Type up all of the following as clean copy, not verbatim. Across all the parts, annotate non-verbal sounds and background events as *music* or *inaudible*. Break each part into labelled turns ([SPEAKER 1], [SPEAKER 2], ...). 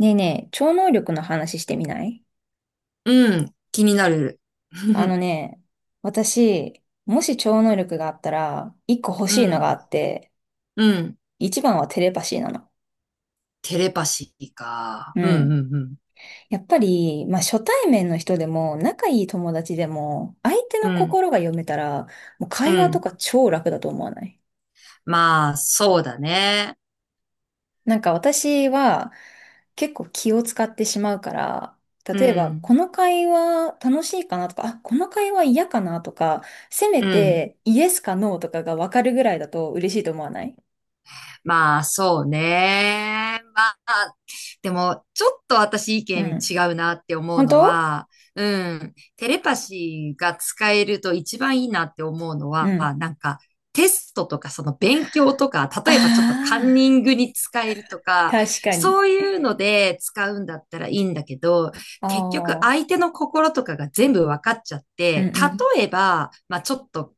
[SPEAKER 1] ねえねえ、超能力の話してみない？
[SPEAKER 2] うん、気になる。
[SPEAKER 1] あの
[SPEAKER 2] *laughs*
[SPEAKER 1] ね、私、もし超能力があったら、一個欲
[SPEAKER 2] う
[SPEAKER 1] しいのが
[SPEAKER 2] ん、
[SPEAKER 1] あって、
[SPEAKER 2] うん。
[SPEAKER 1] 一番はテレパシーなの。
[SPEAKER 2] テレパシーか。
[SPEAKER 1] う
[SPEAKER 2] うん、う
[SPEAKER 1] ん。
[SPEAKER 2] ん、うん。
[SPEAKER 1] やっぱり、まあ、初対面の人でも、仲いい友達でも、相手
[SPEAKER 2] う
[SPEAKER 1] の
[SPEAKER 2] ん、
[SPEAKER 1] 心が読めたら、もう
[SPEAKER 2] う
[SPEAKER 1] 会話と
[SPEAKER 2] ん。
[SPEAKER 1] か超楽だと思わない？
[SPEAKER 2] まあ、そうだね。
[SPEAKER 1] なんか私は結構気を使ってしまうから、
[SPEAKER 2] う
[SPEAKER 1] 例えば
[SPEAKER 2] ん、
[SPEAKER 1] この会話楽しいかなとか、あ、この会話嫌かなとか、せめ
[SPEAKER 2] うん。
[SPEAKER 1] てイエスかノーとかがわかるぐらいだと嬉しいと思わない？
[SPEAKER 2] まあ、そうね。まあ、でも、ちょっと私意
[SPEAKER 1] う
[SPEAKER 2] 見
[SPEAKER 1] ん。
[SPEAKER 2] 違うなって思う
[SPEAKER 1] 本
[SPEAKER 2] の
[SPEAKER 1] 当？
[SPEAKER 2] は、うん、テレパシーが使えると一番いいなって思うの
[SPEAKER 1] う
[SPEAKER 2] は、
[SPEAKER 1] ん。
[SPEAKER 2] なんか、テストとか、その勉強とか、
[SPEAKER 1] あ
[SPEAKER 2] 例えばちょっとカンニ
[SPEAKER 1] あ、
[SPEAKER 2] ングに使えるとか、
[SPEAKER 1] 確かに。
[SPEAKER 2] そういうので使うんだったらいいんだけど、
[SPEAKER 1] あ
[SPEAKER 2] 結局相
[SPEAKER 1] あ、
[SPEAKER 2] 手の心とかが全部分かっちゃっ
[SPEAKER 1] うんう
[SPEAKER 2] て、
[SPEAKER 1] ん。
[SPEAKER 2] 例えば、まあちょっと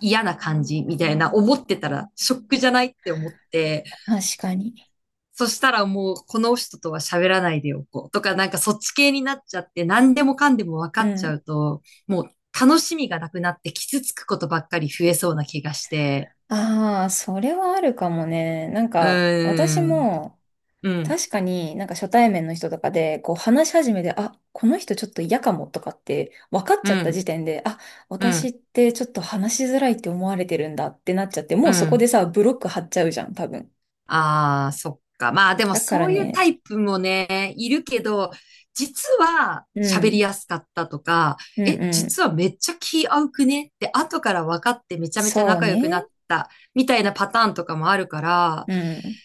[SPEAKER 2] 嫌な感じみたいな思ってたらショックじゃないって思って、
[SPEAKER 1] 確かに。
[SPEAKER 2] そしたらもうこの人とは喋らないでおこうとか、なんかそっち系になっちゃって何でもかんでも分か
[SPEAKER 1] う
[SPEAKER 2] っちゃ
[SPEAKER 1] ん。
[SPEAKER 2] うと、もう楽しみがなくなって傷つくことばっかり増えそうな気がして、
[SPEAKER 1] ああ、それはあるかもね。なん
[SPEAKER 2] う
[SPEAKER 1] か私
[SPEAKER 2] ーん、
[SPEAKER 1] も
[SPEAKER 2] うん、
[SPEAKER 1] 確かになんか初対面の人とかでこう話し始めて、あ、この人ちょっと嫌かもとかって分かっち
[SPEAKER 2] う
[SPEAKER 1] ゃった時
[SPEAKER 2] ん、
[SPEAKER 1] 点で、あ、
[SPEAKER 2] う
[SPEAKER 1] 私っ
[SPEAKER 2] ん、
[SPEAKER 1] てちょっと話しづらいって思われてるんだってなっちゃって、も
[SPEAKER 2] う
[SPEAKER 1] うそこで
[SPEAKER 2] ん。
[SPEAKER 1] さ、ブロック張っちゃうじゃん、多分。
[SPEAKER 2] ああ、そっか。まあでも
[SPEAKER 1] だか
[SPEAKER 2] そ
[SPEAKER 1] ら
[SPEAKER 2] ういうタ
[SPEAKER 1] ね、
[SPEAKER 2] イプもね、いるけど、実は
[SPEAKER 1] う
[SPEAKER 2] 喋りや
[SPEAKER 1] ん、
[SPEAKER 2] すかったとか、
[SPEAKER 1] うん
[SPEAKER 2] え、
[SPEAKER 1] うん。
[SPEAKER 2] 実はめっちゃ気合うくねって後から分かってめちゃめちゃ
[SPEAKER 1] そう
[SPEAKER 2] 仲良くなっ
[SPEAKER 1] ね。
[SPEAKER 2] たみたいなパターンとかもあるから、
[SPEAKER 1] うん。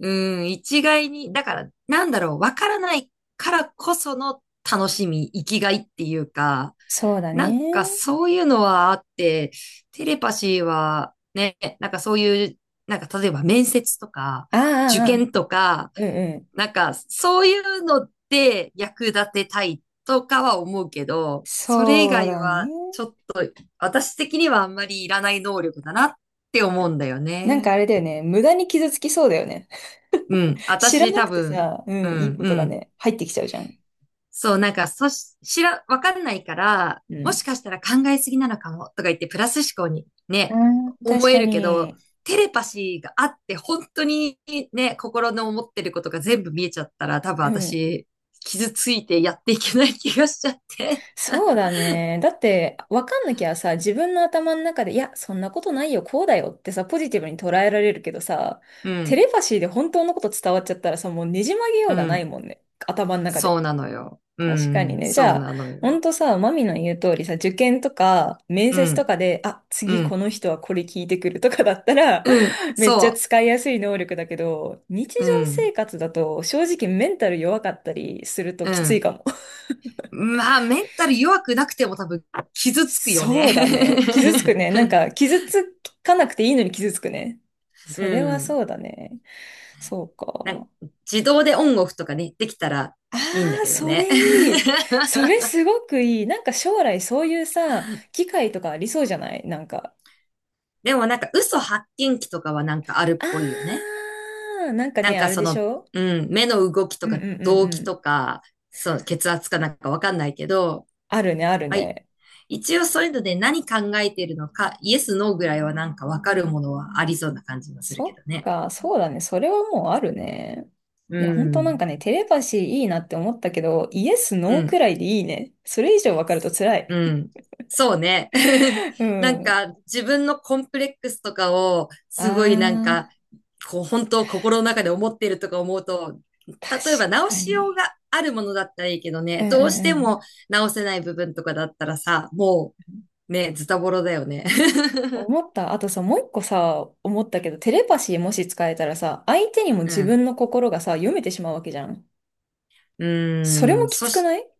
[SPEAKER 2] うん、一概に、だから、なんだろう、わからないからこその楽しみ、生きがいっていうか、
[SPEAKER 1] そうだ
[SPEAKER 2] なん
[SPEAKER 1] ね。
[SPEAKER 2] かそういうのはあって、テレパシーはね、なんかそういう、なんか例えば面接とか、
[SPEAKER 1] ああ、
[SPEAKER 2] 受
[SPEAKER 1] ああ、
[SPEAKER 2] 験とか、
[SPEAKER 1] うんうん。
[SPEAKER 2] なんかそういうので役立てたいとかは思うけど、それ以
[SPEAKER 1] そう
[SPEAKER 2] 外
[SPEAKER 1] だね。
[SPEAKER 2] はちょっと私的にはあんまりいらない能力だなって思うんだよ
[SPEAKER 1] なんか
[SPEAKER 2] ね。
[SPEAKER 1] あれだよね。無駄に傷つきそうだよね。
[SPEAKER 2] うん、
[SPEAKER 1] *laughs* 知ら
[SPEAKER 2] 私
[SPEAKER 1] な
[SPEAKER 2] 多
[SPEAKER 1] くて
[SPEAKER 2] 分、
[SPEAKER 1] さ、う
[SPEAKER 2] う
[SPEAKER 1] ん、いい
[SPEAKER 2] ん、
[SPEAKER 1] こ
[SPEAKER 2] う
[SPEAKER 1] とが
[SPEAKER 2] ん。
[SPEAKER 1] ね、入ってきちゃうじゃん。
[SPEAKER 2] そう、なんか、そし、知ら、わかんないから、
[SPEAKER 1] う
[SPEAKER 2] も
[SPEAKER 1] ん。
[SPEAKER 2] しかしたら考えすぎなのかもとか言って、プラス思考に
[SPEAKER 1] う
[SPEAKER 2] ね、
[SPEAKER 1] ん、
[SPEAKER 2] 思
[SPEAKER 1] 確
[SPEAKER 2] え
[SPEAKER 1] か
[SPEAKER 2] るけど、
[SPEAKER 1] に。
[SPEAKER 2] テレパシーがあって、本当にね、心の思ってることが全部見えちゃったら、多分
[SPEAKER 1] うん。
[SPEAKER 2] 私、傷ついてやっていけない気がしちゃって。
[SPEAKER 1] そうだね。だって、わかんなきゃさ、自分の頭の中で、いや、そんなことないよ、こうだよってさ、ポジティブに捉えられるけどさ、
[SPEAKER 2] う
[SPEAKER 1] テ
[SPEAKER 2] ん、
[SPEAKER 1] レパシーで本当のこと伝わっちゃったらさ、もうねじ曲げよ
[SPEAKER 2] う
[SPEAKER 1] うがない
[SPEAKER 2] ん、
[SPEAKER 1] もんね。頭の中
[SPEAKER 2] そ
[SPEAKER 1] で。
[SPEAKER 2] うなのよ。う
[SPEAKER 1] 確かに
[SPEAKER 2] ん、
[SPEAKER 1] ね。じ
[SPEAKER 2] そう
[SPEAKER 1] ゃあ、
[SPEAKER 2] なの
[SPEAKER 1] ほ
[SPEAKER 2] よ。
[SPEAKER 1] んとさ、マミの言う通りさ、受験とか、面
[SPEAKER 2] う
[SPEAKER 1] 接と
[SPEAKER 2] ん、
[SPEAKER 1] かで、あ、次
[SPEAKER 2] う
[SPEAKER 1] こ
[SPEAKER 2] ん、
[SPEAKER 1] の人はこれ聞いてくるとかだったら、
[SPEAKER 2] うん、
[SPEAKER 1] *laughs* めっちゃ
[SPEAKER 2] そ
[SPEAKER 1] 使いやすい能力だけど、日常
[SPEAKER 2] う、う
[SPEAKER 1] 生
[SPEAKER 2] ん、
[SPEAKER 1] 活だと、正直メンタル弱かったりすると
[SPEAKER 2] う
[SPEAKER 1] きつい
[SPEAKER 2] ん。
[SPEAKER 1] かも。
[SPEAKER 2] まあ、メンタル弱くなくても多分傷つくよね。
[SPEAKER 1] そうだね。傷つく
[SPEAKER 2] *laughs*
[SPEAKER 1] ね。なんか、傷つかなくていいのに傷つくね。
[SPEAKER 2] う
[SPEAKER 1] それは
[SPEAKER 2] ん。
[SPEAKER 1] そうだね。そう
[SPEAKER 2] なんか
[SPEAKER 1] か。
[SPEAKER 2] 自動でオンオフとかね、できたら
[SPEAKER 1] あ
[SPEAKER 2] いいんだ
[SPEAKER 1] あ、
[SPEAKER 2] けど
[SPEAKER 1] そ
[SPEAKER 2] ね。
[SPEAKER 1] れいい。
[SPEAKER 2] *laughs*
[SPEAKER 1] それすごくいい。なんか将来そういうさ、機会とかありそうじゃない？なんか。
[SPEAKER 2] でもなんか嘘発見器とかはなんかあるっぽいよね。
[SPEAKER 1] ああ、なんか
[SPEAKER 2] なん
[SPEAKER 1] ね、あ
[SPEAKER 2] か
[SPEAKER 1] れ
[SPEAKER 2] そ
[SPEAKER 1] でし
[SPEAKER 2] の、
[SPEAKER 1] ょ？
[SPEAKER 2] うん、目の動きと
[SPEAKER 1] うんう
[SPEAKER 2] か
[SPEAKER 1] んうん
[SPEAKER 2] 動
[SPEAKER 1] う
[SPEAKER 2] 機と
[SPEAKER 1] ん。
[SPEAKER 2] か、そう、血圧かなんかわかんないけど、
[SPEAKER 1] あるね、ある
[SPEAKER 2] はい。
[SPEAKER 1] ね。
[SPEAKER 2] 一応そういうので何考えているのか、イエス、ノーぐらいはなんかわかるものはありそうな感じもするけ
[SPEAKER 1] そ
[SPEAKER 2] ど
[SPEAKER 1] っ
[SPEAKER 2] ね。
[SPEAKER 1] か、そうだね。それはもうあるね。
[SPEAKER 2] う
[SPEAKER 1] いや、ほんとなん
[SPEAKER 2] ん。
[SPEAKER 1] かね、テレパシーいいなって思ったけど、イエス、ノ
[SPEAKER 2] う
[SPEAKER 1] ーく
[SPEAKER 2] ん。
[SPEAKER 1] らいでいいね。それ以上わかると辛
[SPEAKER 2] う
[SPEAKER 1] い。
[SPEAKER 2] ん。そうね。*laughs*
[SPEAKER 1] う
[SPEAKER 2] なん
[SPEAKER 1] ん。
[SPEAKER 2] か自分のコンプレックスとかを
[SPEAKER 1] あ
[SPEAKER 2] すごいなんか
[SPEAKER 1] あ、
[SPEAKER 2] こう本当心の中で思っているとか思うと、
[SPEAKER 1] 確
[SPEAKER 2] 例えば直
[SPEAKER 1] か
[SPEAKER 2] しよう
[SPEAKER 1] に。
[SPEAKER 2] があるものだったらいいけど
[SPEAKER 1] う
[SPEAKER 2] ね、
[SPEAKER 1] んうん
[SPEAKER 2] どうして
[SPEAKER 1] う
[SPEAKER 2] も
[SPEAKER 1] ん。
[SPEAKER 2] 直せない部分とかだったらさ、もうね、ズタボロだよね。*laughs*
[SPEAKER 1] 思った。あとさ、もう一個さ、思ったけど、テレパシーもし使えたらさ、相手にも
[SPEAKER 2] う
[SPEAKER 1] 自
[SPEAKER 2] ん。
[SPEAKER 1] 分の心がさ、読めてしまうわけじゃん。
[SPEAKER 2] う
[SPEAKER 1] それ
[SPEAKER 2] ー
[SPEAKER 1] も
[SPEAKER 2] ん。
[SPEAKER 1] きつくない？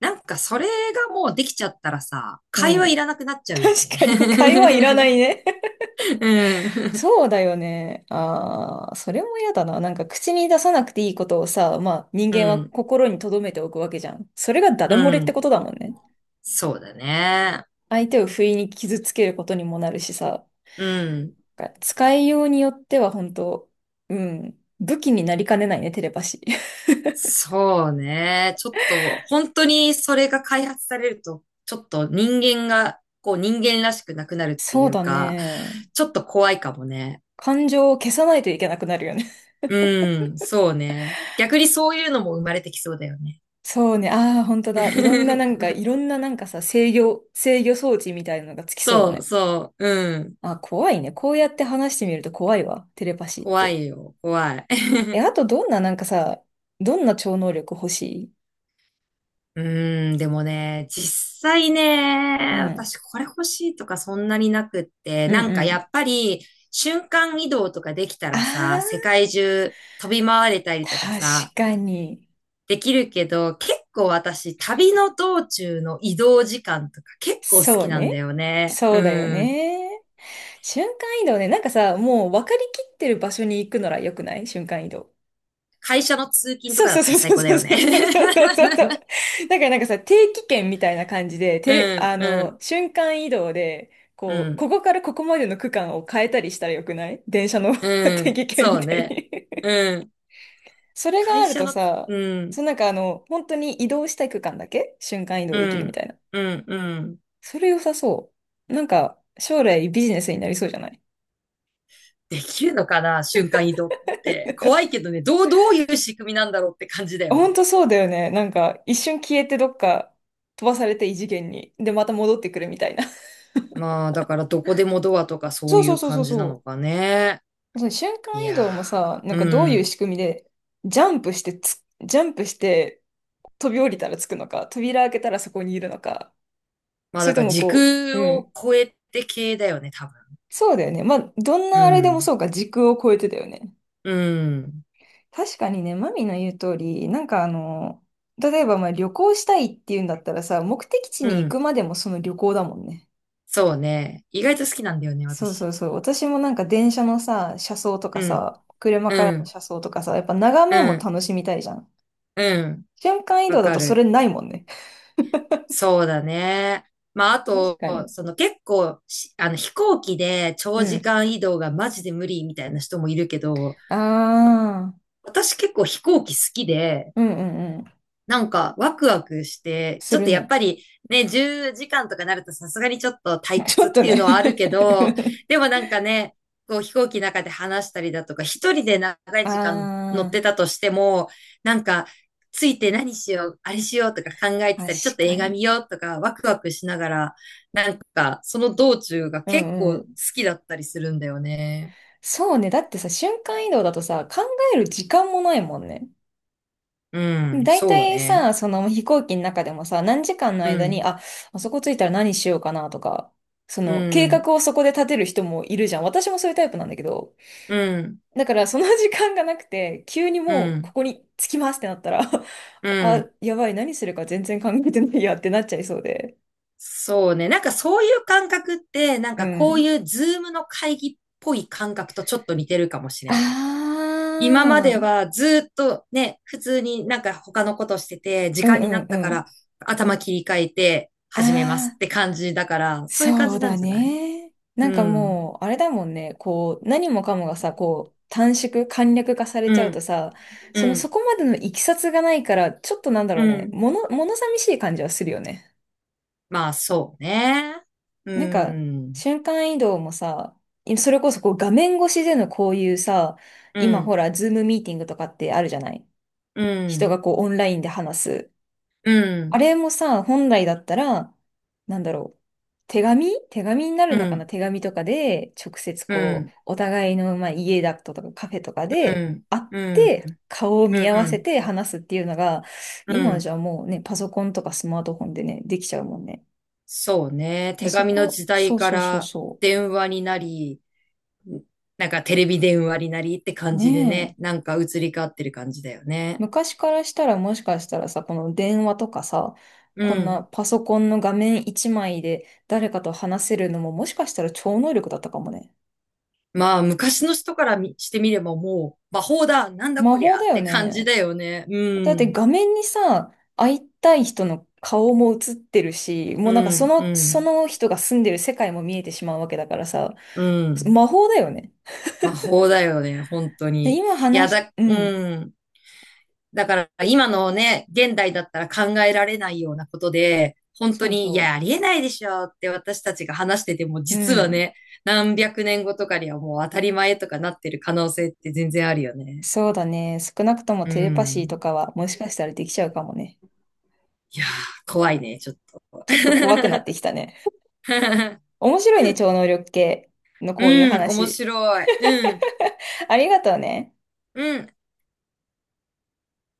[SPEAKER 2] なんかそれがもうできちゃったらさ、
[SPEAKER 1] う
[SPEAKER 2] 会話
[SPEAKER 1] ん。
[SPEAKER 2] いらなくなっちゃうよね。
[SPEAKER 1] 確かに、会話いらない
[SPEAKER 2] *laughs*
[SPEAKER 1] ね。*laughs*
[SPEAKER 2] うん。
[SPEAKER 1] そうだよね。ああ、それも嫌だな。なんか口に出さなくていいことをさ、まあ人
[SPEAKER 2] う
[SPEAKER 1] 間は
[SPEAKER 2] ん。
[SPEAKER 1] 心に留めておくわけじゃん。それがダ
[SPEAKER 2] う
[SPEAKER 1] ダ漏れってこと
[SPEAKER 2] ん。
[SPEAKER 1] だもんね。
[SPEAKER 2] そうだね。
[SPEAKER 1] 相手を不意に傷つけることにもなるしさ。
[SPEAKER 2] うん。
[SPEAKER 1] なんか使いようによっては本当、うん、武器になりかねないね、テレパシー。*laughs*
[SPEAKER 2] そうね。ちょっと、本当にそれが開発されると、ちょっと人間が、こう人間らしくなくなるってい
[SPEAKER 1] そう
[SPEAKER 2] う
[SPEAKER 1] だ
[SPEAKER 2] か、
[SPEAKER 1] ね。
[SPEAKER 2] ちょっと怖いかもね。
[SPEAKER 1] 感情を消さないといけなくなるよね。
[SPEAKER 2] うん、そうね。逆にそういうのも生まれてきそうだよね。
[SPEAKER 1] *laughs* そうね。ああ、本当だ。いろんななん
[SPEAKER 2] *laughs*
[SPEAKER 1] か、いろんななんかさ、制御装置みたいなのがつきそうだ
[SPEAKER 2] そう
[SPEAKER 1] ね。
[SPEAKER 2] そう、うん。
[SPEAKER 1] あ、怖いね。こうやって話してみると怖いわ。テレパシーっ
[SPEAKER 2] 怖い
[SPEAKER 1] て。
[SPEAKER 2] よ、怖い。
[SPEAKER 1] え、あとどんななんかさ、どんな超能力欲しい？
[SPEAKER 2] うーん、でもね、実際
[SPEAKER 1] う
[SPEAKER 2] ね、
[SPEAKER 1] ん。
[SPEAKER 2] 私これ欲しいとかそんなになくって、
[SPEAKER 1] うん
[SPEAKER 2] なんか
[SPEAKER 1] う
[SPEAKER 2] や
[SPEAKER 1] ん。
[SPEAKER 2] っぱり瞬間移動とかできた
[SPEAKER 1] あ
[SPEAKER 2] らさ、世
[SPEAKER 1] あ、
[SPEAKER 2] 界中飛び回れたりとかさ、
[SPEAKER 1] 確かに。
[SPEAKER 2] できるけど、結構私旅の道中の移動時間とか結構好
[SPEAKER 1] そ
[SPEAKER 2] き
[SPEAKER 1] う
[SPEAKER 2] なんだ
[SPEAKER 1] ね。
[SPEAKER 2] よね。
[SPEAKER 1] そうだよ
[SPEAKER 2] うん。
[SPEAKER 1] ね。瞬間移動ね。なんかさ、もう分かりきってる場所に行くのら良くない？瞬間移動。
[SPEAKER 2] 会社の通勤と
[SPEAKER 1] そう
[SPEAKER 2] かだ
[SPEAKER 1] そ
[SPEAKER 2] っ
[SPEAKER 1] う
[SPEAKER 2] た
[SPEAKER 1] そ
[SPEAKER 2] ら
[SPEAKER 1] う
[SPEAKER 2] 最
[SPEAKER 1] そ
[SPEAKER 2] 高だ
[SPEAKER 1] う
[SPEAKER 2] よね。
[SPEAKER 1] そうそうそうそうそう。だからなんかさ、定期券みたいな感じで、
[SPEAKER 2] *laughs*
[SPEAKER 1] テ
[SPEAKER 2] う
[SPEAKER 1] レ、
[SPEAKER 2] ん、
[SPEAKER 1] あ
[SPEAKER 2] う
[SPEAKER 1] の、
[SPEAKER 2] ん、
[SPEAKER 1] 瞬間移動で、
[SPEAKER 2] う
[SPEAKER 1] こう、
[SPEAKER 2] ん、
[SPEAKER 1] ここからここまでの区間を変えたりしたら良くない？電車の *laughs*
[SPEAKER 2] う
[SPEAKER 1] 定
[SPEAKER 2] ん、
[SPEAKER 1] 期券
[SPEAKER 2] そ
[SPEAKER 1] み
[SPEAKER 2] う
[SPEAKER 1] たい
[SPEAKER 2] ね。
[SPEAKER 1] に
[SPEAKER 2] うん。
[SPEAKER 1] それが
[SPEAKER 2] 会
[SPEAKER 1] ある
[SPEAKER 2] 社
[SPEAKER 1] と
[SPEAKER 2] の、
[SPEAKER 1] さ、
[SPEAKER 2] うん。
[SPEAKER 1] そのなんか本当に移動したい区間だけ瞬間移動
[SPEAKER 2] う
[SPEAKER 1] できるみた
[SPEAKER 2] ん、
[SPEAKER 1] いな。
[SPEAKER 2] うん、うん。
[SPEAKER 1] それ良さそう。なんか、将来ビジネスになりそうじゃない？
[SPEAKER 2] できるのかな、瞬間移動って。怖いけどね、どういう仕組みなんだろうって感じだよ
[SPEAKER 1] ほん
[SPEAKER 2] ね。
[SPEAKER 1] とそうだよね。なんか、一瞬消えてどっか飛ばされて異次元に。で、また戻ってくるみたいな。
[SPEAKER 2] まあ、だからどこでもドアとか
[SPEAKER 1] *laughs*
[SPEAKER 2] そ
[SPEAKER 1] そ
[SPEAKER 2] う
[SPEAKER 1] う
[SPEAKER 2] い
[SPEAKER 1] そう
[SPEAKER 2] う
[SPEAKER 1] そうそ
[SPEAKER 2] 感
[SPEAKER 1] う
[SPEAKER 2] じなの
[SPEAKER 1] そ
[SPEAKER 2] かね。
[SPEAKER 1] う。その瞬
[SPEAKER 2] い
[SPEAKER 1] 間移
[SPEAKER 2] や
[SPEAKER 1] 動もさ、なん
[SPEAKER 2] ー、
[SPEAKER 1] かどう
[SPEAKER 2] う
[SPEAKER 1] いう
[SPEAKER 2] ん。
[SPEAKER 1] 仕組みで、ジャンプして飛び降りたらつくのか、扉開けたらそこにいるのか、
[SPEAKER 2] まあ、
[SPEAKER 1] それ
[SPEAKER 2] だ
[SPEAKER 1] と
[SPEAKER 2] から
[SPEAKER 1] も
[SPEAKER 2] 時
[SPEAKER 1] こう、
[SPEAKER 2] 空
[SPEAKER 1] う
[SPEAKER 2] を
[SPEAKER 1] ん。
[SPEAKER 2] 超えて系だよね、多分。
[SPEAKER 1] そうだよね。まあ、どん
[SPEAKER 2] う
[SPEAKER 1] なあれでも
[SPEAKER 2] ん、
[SPEAKER 1] そうか、時空を超えてだよね。
[SPEAKER 2] うん、
[SPEAKER 1] 確かにね、マミの言う通り、なんか例えばまあ旅行したいっていうんだったらさ、目的地
[SPEAKER 2] う
[SPEAKER 1] に行く
[SPEAKER 2] ん。
[SPEAKER 1] までもその旅行だもんね。
[SPEAKER 2] そうね。意外と好きなんだよね、
[SPEAKER 1] そうそ
[SPEAKER 2] 私。
[SPEAKER 1] うそう。私もなんか電車のさ、車窓とか
[SPEAKER 2] うん、
[SPEAKER 1] さ、車から
[SPEAKER 2] う
[SPEAKER 1] の
[SPEAKER 2] ん、
[SPEAKER 1] 車窓とかさ、やっぱ眺
[SPEAKER 2] う
[SPEAKER 1] めも
[SPEAKER 2] ん、
[SPEAKER 1] 楽しみたいじゃん。
[SPEAKER 2] うん。
[SPEAKER 1] 瞬間移
[SPEAKER 2] わ
[SPEAKER 1] 動だ
[SPEAKER 2] か
[SPEAKER 1] とそれ
[SPEAKER 2] る。
[SPEAKER 1] ないもんね。
[SPEAKER 2] そうだね。まあ、あ
[SPEAKER 1] *laughs* 確
[SPEAKER 2] と、
[SPEAKER 1] かに。
[SPEAKER 2] その結構し、あの飛行機で
[SPEAKER 1] う
[SPEAKER 2] 長時
[SPEAKER 1] ん。
[SPEAKER 2] 間移動がマジで無理みたいな人もいるけど、
[SPEAKER 1] ああ、
[SPEAKER 2] 私結構飛行機好きで、
[SPEAKER 1] うんうんうん。
[SPEAKER 2] なんか、ワクワクして、ち
[SPEAKER 1] す
[SPEAKER 2] ょっ
[SPEAKER 1] る
[SPEAKER 2] とやっ
[SPEAKER 1] ね。
[SPEAKER 2] ぱりね、10時間とかなるとさすがにちょっと退
[SPEAKER 1] *laughs* ちょ
[SPEAKER 2] 屈
[SPEAKER 1] っ
[SPEAKER 2] っ
[SPEAKER 1] と
[SPEAKER 2] ていう
[SPEAKER 1] ね
[SPEAKER 2] のはあるけど、でもなんかね、こう飛行機の中で話したりだとか、一人で長
[SPEAKER 1] *laughs*
[SPEAKER 2] い時間乗っ
[SPEAKER 1] あ
[SPEAKER 2] てたとしても、なんか、ついて何しよう、あれしようとか考え
[SPEAKER 1] あ、
[SPEAKER 2] てたり、ちょっ
[SPEAKER 1] 確
[SPEAKER 2] と映
[SPEAKER 1] か
[SPEAKER 2] 画見
[SPEAKER 1] に。
[SPEAKER 2] ようとか、ワクワクしながら、なんか、その道中が
[SPEAKER 1] う
[SPEAKER 2] 結
[SPEAKER 1] んう
[SPEAKER 2] 構好
[SPEAKER 1] ん。
[SPEAKER 2] きだったりするんだよね。
[SPEAKER 1] そうね。だってさ、瞬間移動だとさ、考える時間もないもんね。
[SPEAKER 2] うん、
[SPEAKER 1] 大
[SPEAKER 2] そう
[SPEAKER 1] 体
[SPEAKER 2] ね。
[SPEAKER 1] さ、その飛行機の中でもさ、何時間の
[SPEAKER 2] う
[SPEAKER 1] 間に、
[SPEAKER 2] ん、
[SPEAKER 1] あ、あそこ着いたら何しようかなとか、そ
[SPEAKER 2] う
[SPEAKER 1] の計
[SPEAKER 2] ん、
[SPEAKER 1] 画をそこで立てる人もいるじゃん。私もそういうタイプなんだけど、
[SPEAKER 2] うん、
[SPEAKER 1] だからその時間がなくて、急に
[SPEAKER 2] う
[SPEAKER 1] もうこ
[SPEAKER 2] ん、
[SPEAKER 1] こに着きますってなったら
[SPEAKER 2] う
[SPEAKER 1] *laughs* あ、
[SPEAKER 2] ん。
[SPEAKER 1] やばい、何するか全然考えてないやってなっちゃいそうで。
[SPEAKER 2] そうね。なんかそういう感覚って、なん
[SPEAKER 1] う
[SPEAKER 2] かこう
[SPEAKER 1] ん。
[SPEAKER 2] いうズームの会議っぽい感覚とちょっと似てるかもし
[SPEAKER 1] あ
[SPEAKER 2] れない。今まで
[SPEAKER 1] あ、
[SPEAKER 2] はずっとね、普通になんか他のことしてて、時
[SPEAKER 1] うん
[SPEAKER 2] 間にな
[SPEAKER 1] う
[SPEAKER 2] っ
[SPEAKER 1] ん
[SPEAKER 2] た
[SPEAKER 1] う
[SPEAKER 2] か
[SPEAKER 1] ん。
[SPEAKER 2] ら頭切り替えて
[SPEAKER 1] あ
[SPEAKER 2] 始めますって
[SPEAKER 1] あ。
[SPEAKER 2] 感じだから、そういう感
[SPEAKER 1] そう
[SPEAKER 2] じなん
[SPEAKER 1] だ
[SPEAKER 2] じゃない？
[SPEAKER 1] ね。な
[SPEAKER 2] う
[SPEAKER 1] んか
[SPEAKER 2] ん。
[SPEAKER 1] もう、あれだもんね。こう、何もかもがさ、こう、簡略化され
[SPEAKER 2] う
[SPEAKER 1] ちゃう
[SPEAKER 2] ん。
[SPEAKER 1] とさ、
[SPEAKER 2] う
[SPEAKER 1] その
[SPEAKER 2] ん。
[SPEAKER 1] そこまでのいきさつがないから、ちょっとなんだ
[SPEAKER 2] う
[SPEAKER 1] ろうね。
[SPEAKER 2] ん。
[SPEAKER 1] 物寂しい感じはするよね。
[SPEAKER 2] まあそうね。う
[SPEAKER 1] なんか、
[SPEAKER 2] ん。
[SPEAKER 1] 瞬間移動もさ、それこそこう画面越しでのこういうさ、
[SPEAKER 2] う
[SPEAKER 1] 今ほ
[SPEAKER 2] ん。
[SPEAKER 1] ら、ズームミーティングとかってあるじゃない？
[SPEAKER 2] う
[SPEAKER 1] 人
[SPEAKER 2] ん。
[SPEAKER 1] がこうオンラインで話す。
[SPEAKER 2] う
[SPEAKER 1] あ
[SPEAKER 2] ん。
[SPEAKER 1] れもさ、本来だったら、なんだろう。手紙になる
[SPEAKER 2] う
[SPEAKER 1] のかな？
[SPEAKER 2] ん。
[SPEAKER 1] 手紙とかで、直接
[SPEAKER 2] う
[SPEAKER 1] こう、
[SPEAKER 2] ん。
[SPEAKER 1] お互いの、まあ、家だとかカフェとか
[SPEAKER 2] う
[SPEAKER 1] で
[SPEAKER 2] ん。
[SPEAKER 1] 会っ
[SPEAKER 2] うん。
[SPEAKER 1] て、顔を
[SPEAKER 2] うん。
[SPEAKER 1] 見合わ
[SPEAKER 2] う
[SPEAKER 1] せ
[SPEAKER 2] ん。
[SPEAKER 1] て話すっていうのが、
[SPEAKER 2] う
[SPEAKER 1] 今はじ
[SPEAKER 2] ん。
[SPEAKER 1] ゃあもうね、パソコンとかスマートフォンでね、できちゃうもんね。
[SPEAKER 2] そうね。
[SPEAKER 1] で
[SPEAKER 2] 手
[SPEAKER 1] そ
[SPEAKER 2] 紙の
[SPEAKER 1] こ、
[SPEAKER 2] 時
[SPEAKER 1] そ
[SPEAKER 2] 代
[SPEAKER 1] う
[SPEAKER 2] か
[SPEAKER 1] そうそう
[SPEAKER 2] ら
[SPEAKER 1] そ
[SPEAKER 2] 電話になり、なんかテレビ電話になりって
[SPEAKER 1] う。
[SPEAKER 2] 感じで
[SPEAKER 1] ねえ。
[SPEAKER 2] ね、なんか移り変わってる感じだよね。
[SPEAKER 1] 昔からしたらもしかしたらさ、この電話とかさ、
[SPEAKER 2] う
[SPEAKER 1] こんな
[SPEAKER 2] ん。
[SPEAKER 1] パソコンの画面一枚で誰かと話せるのももしかしたら超能力だったかもね。
[SPEAKER 2] まあ、昔の人からみしてみればもう、魔法だ、なんだ
[SPEAKER 1] 魔
[SPEAKER 2] こり
[SPEAKER 1] 法
[SPEAKER 2] ゃ
[SPEAKER 1] だ
[SPEAKER 2] っ
[SPEAKER 1] よ
[SPEAKER 2] て感じ
[SPEAKER 1] ね。
[SPEAKER 2] だよね。う
[SPEAKER 1] だって
[SPEAKER 2] ん。
[SPEAKER 1] 画面にさ、会いたい人の顔も映ってるし、
[SPEAKER 2] う
[SPEAKER 1] もうなんかそ
[SPEAKER 2] ん、う
[SPEAKER 1] の、そ
[SPEAKER 2] ん、
[SPEAKER 1] の人が住んでる世界も見えてしまうわけだからさ、
[SPEAKER 2] うん。
[SPEAKER 1] 魔法だよね。
[SPEAKER 2] 魔法だよね、本当
[SPEAKER 1] で、
[SPEAKER 2] に。
[SPEAKER 1] 今
[SPEAKER 2] いや
[SPEAKER 1] 話し、
[SPEAKER 2] だ、
[SPEAKER 1] う
[SPEAKER 2] う
[SPEAKER 1] ん。
[SPEAKER 2] ん。だから今のね、現代だったら考えられないようなことで、本当
[SPEAKER 1] そう
[SPEAKER 2] に、い
[SPEAKER 1] そ
[SPEAKER 2] や、ありえないでしょって私たちが話してても、
[SPEAKER 1] う。う
[SPEAKER 2] 実は
[SPEAKER 1] ん。
[SPEAKER 2] ね、何百年後とかにはもう当たり前とかなってる可能性って全然あるよね。
[SPEAKER 1] そうだね。少なくとも
[SPEAKER 2] う
[SPEAKER 1] テレパシー
[SPEAKER 2] ん。
[SPEAKER 1] とかはもしかしたらできちゃうかもね。
[SPEAKER 2] いやー、怖いね、ちょっと。
[SPEAKER 1] ちょっと怖くなって
[SPEAKER 2] *laughs*
[SPEAKER 1] きたね。面白いね、超能力系のこういう
[SPEAKER 2] うん、面
[SPEAKER 1] 話。
[SPEAKER 2] 白い。うん、
[SPEAKER 1] ありがとうね。
[SPEAKER 2] うん。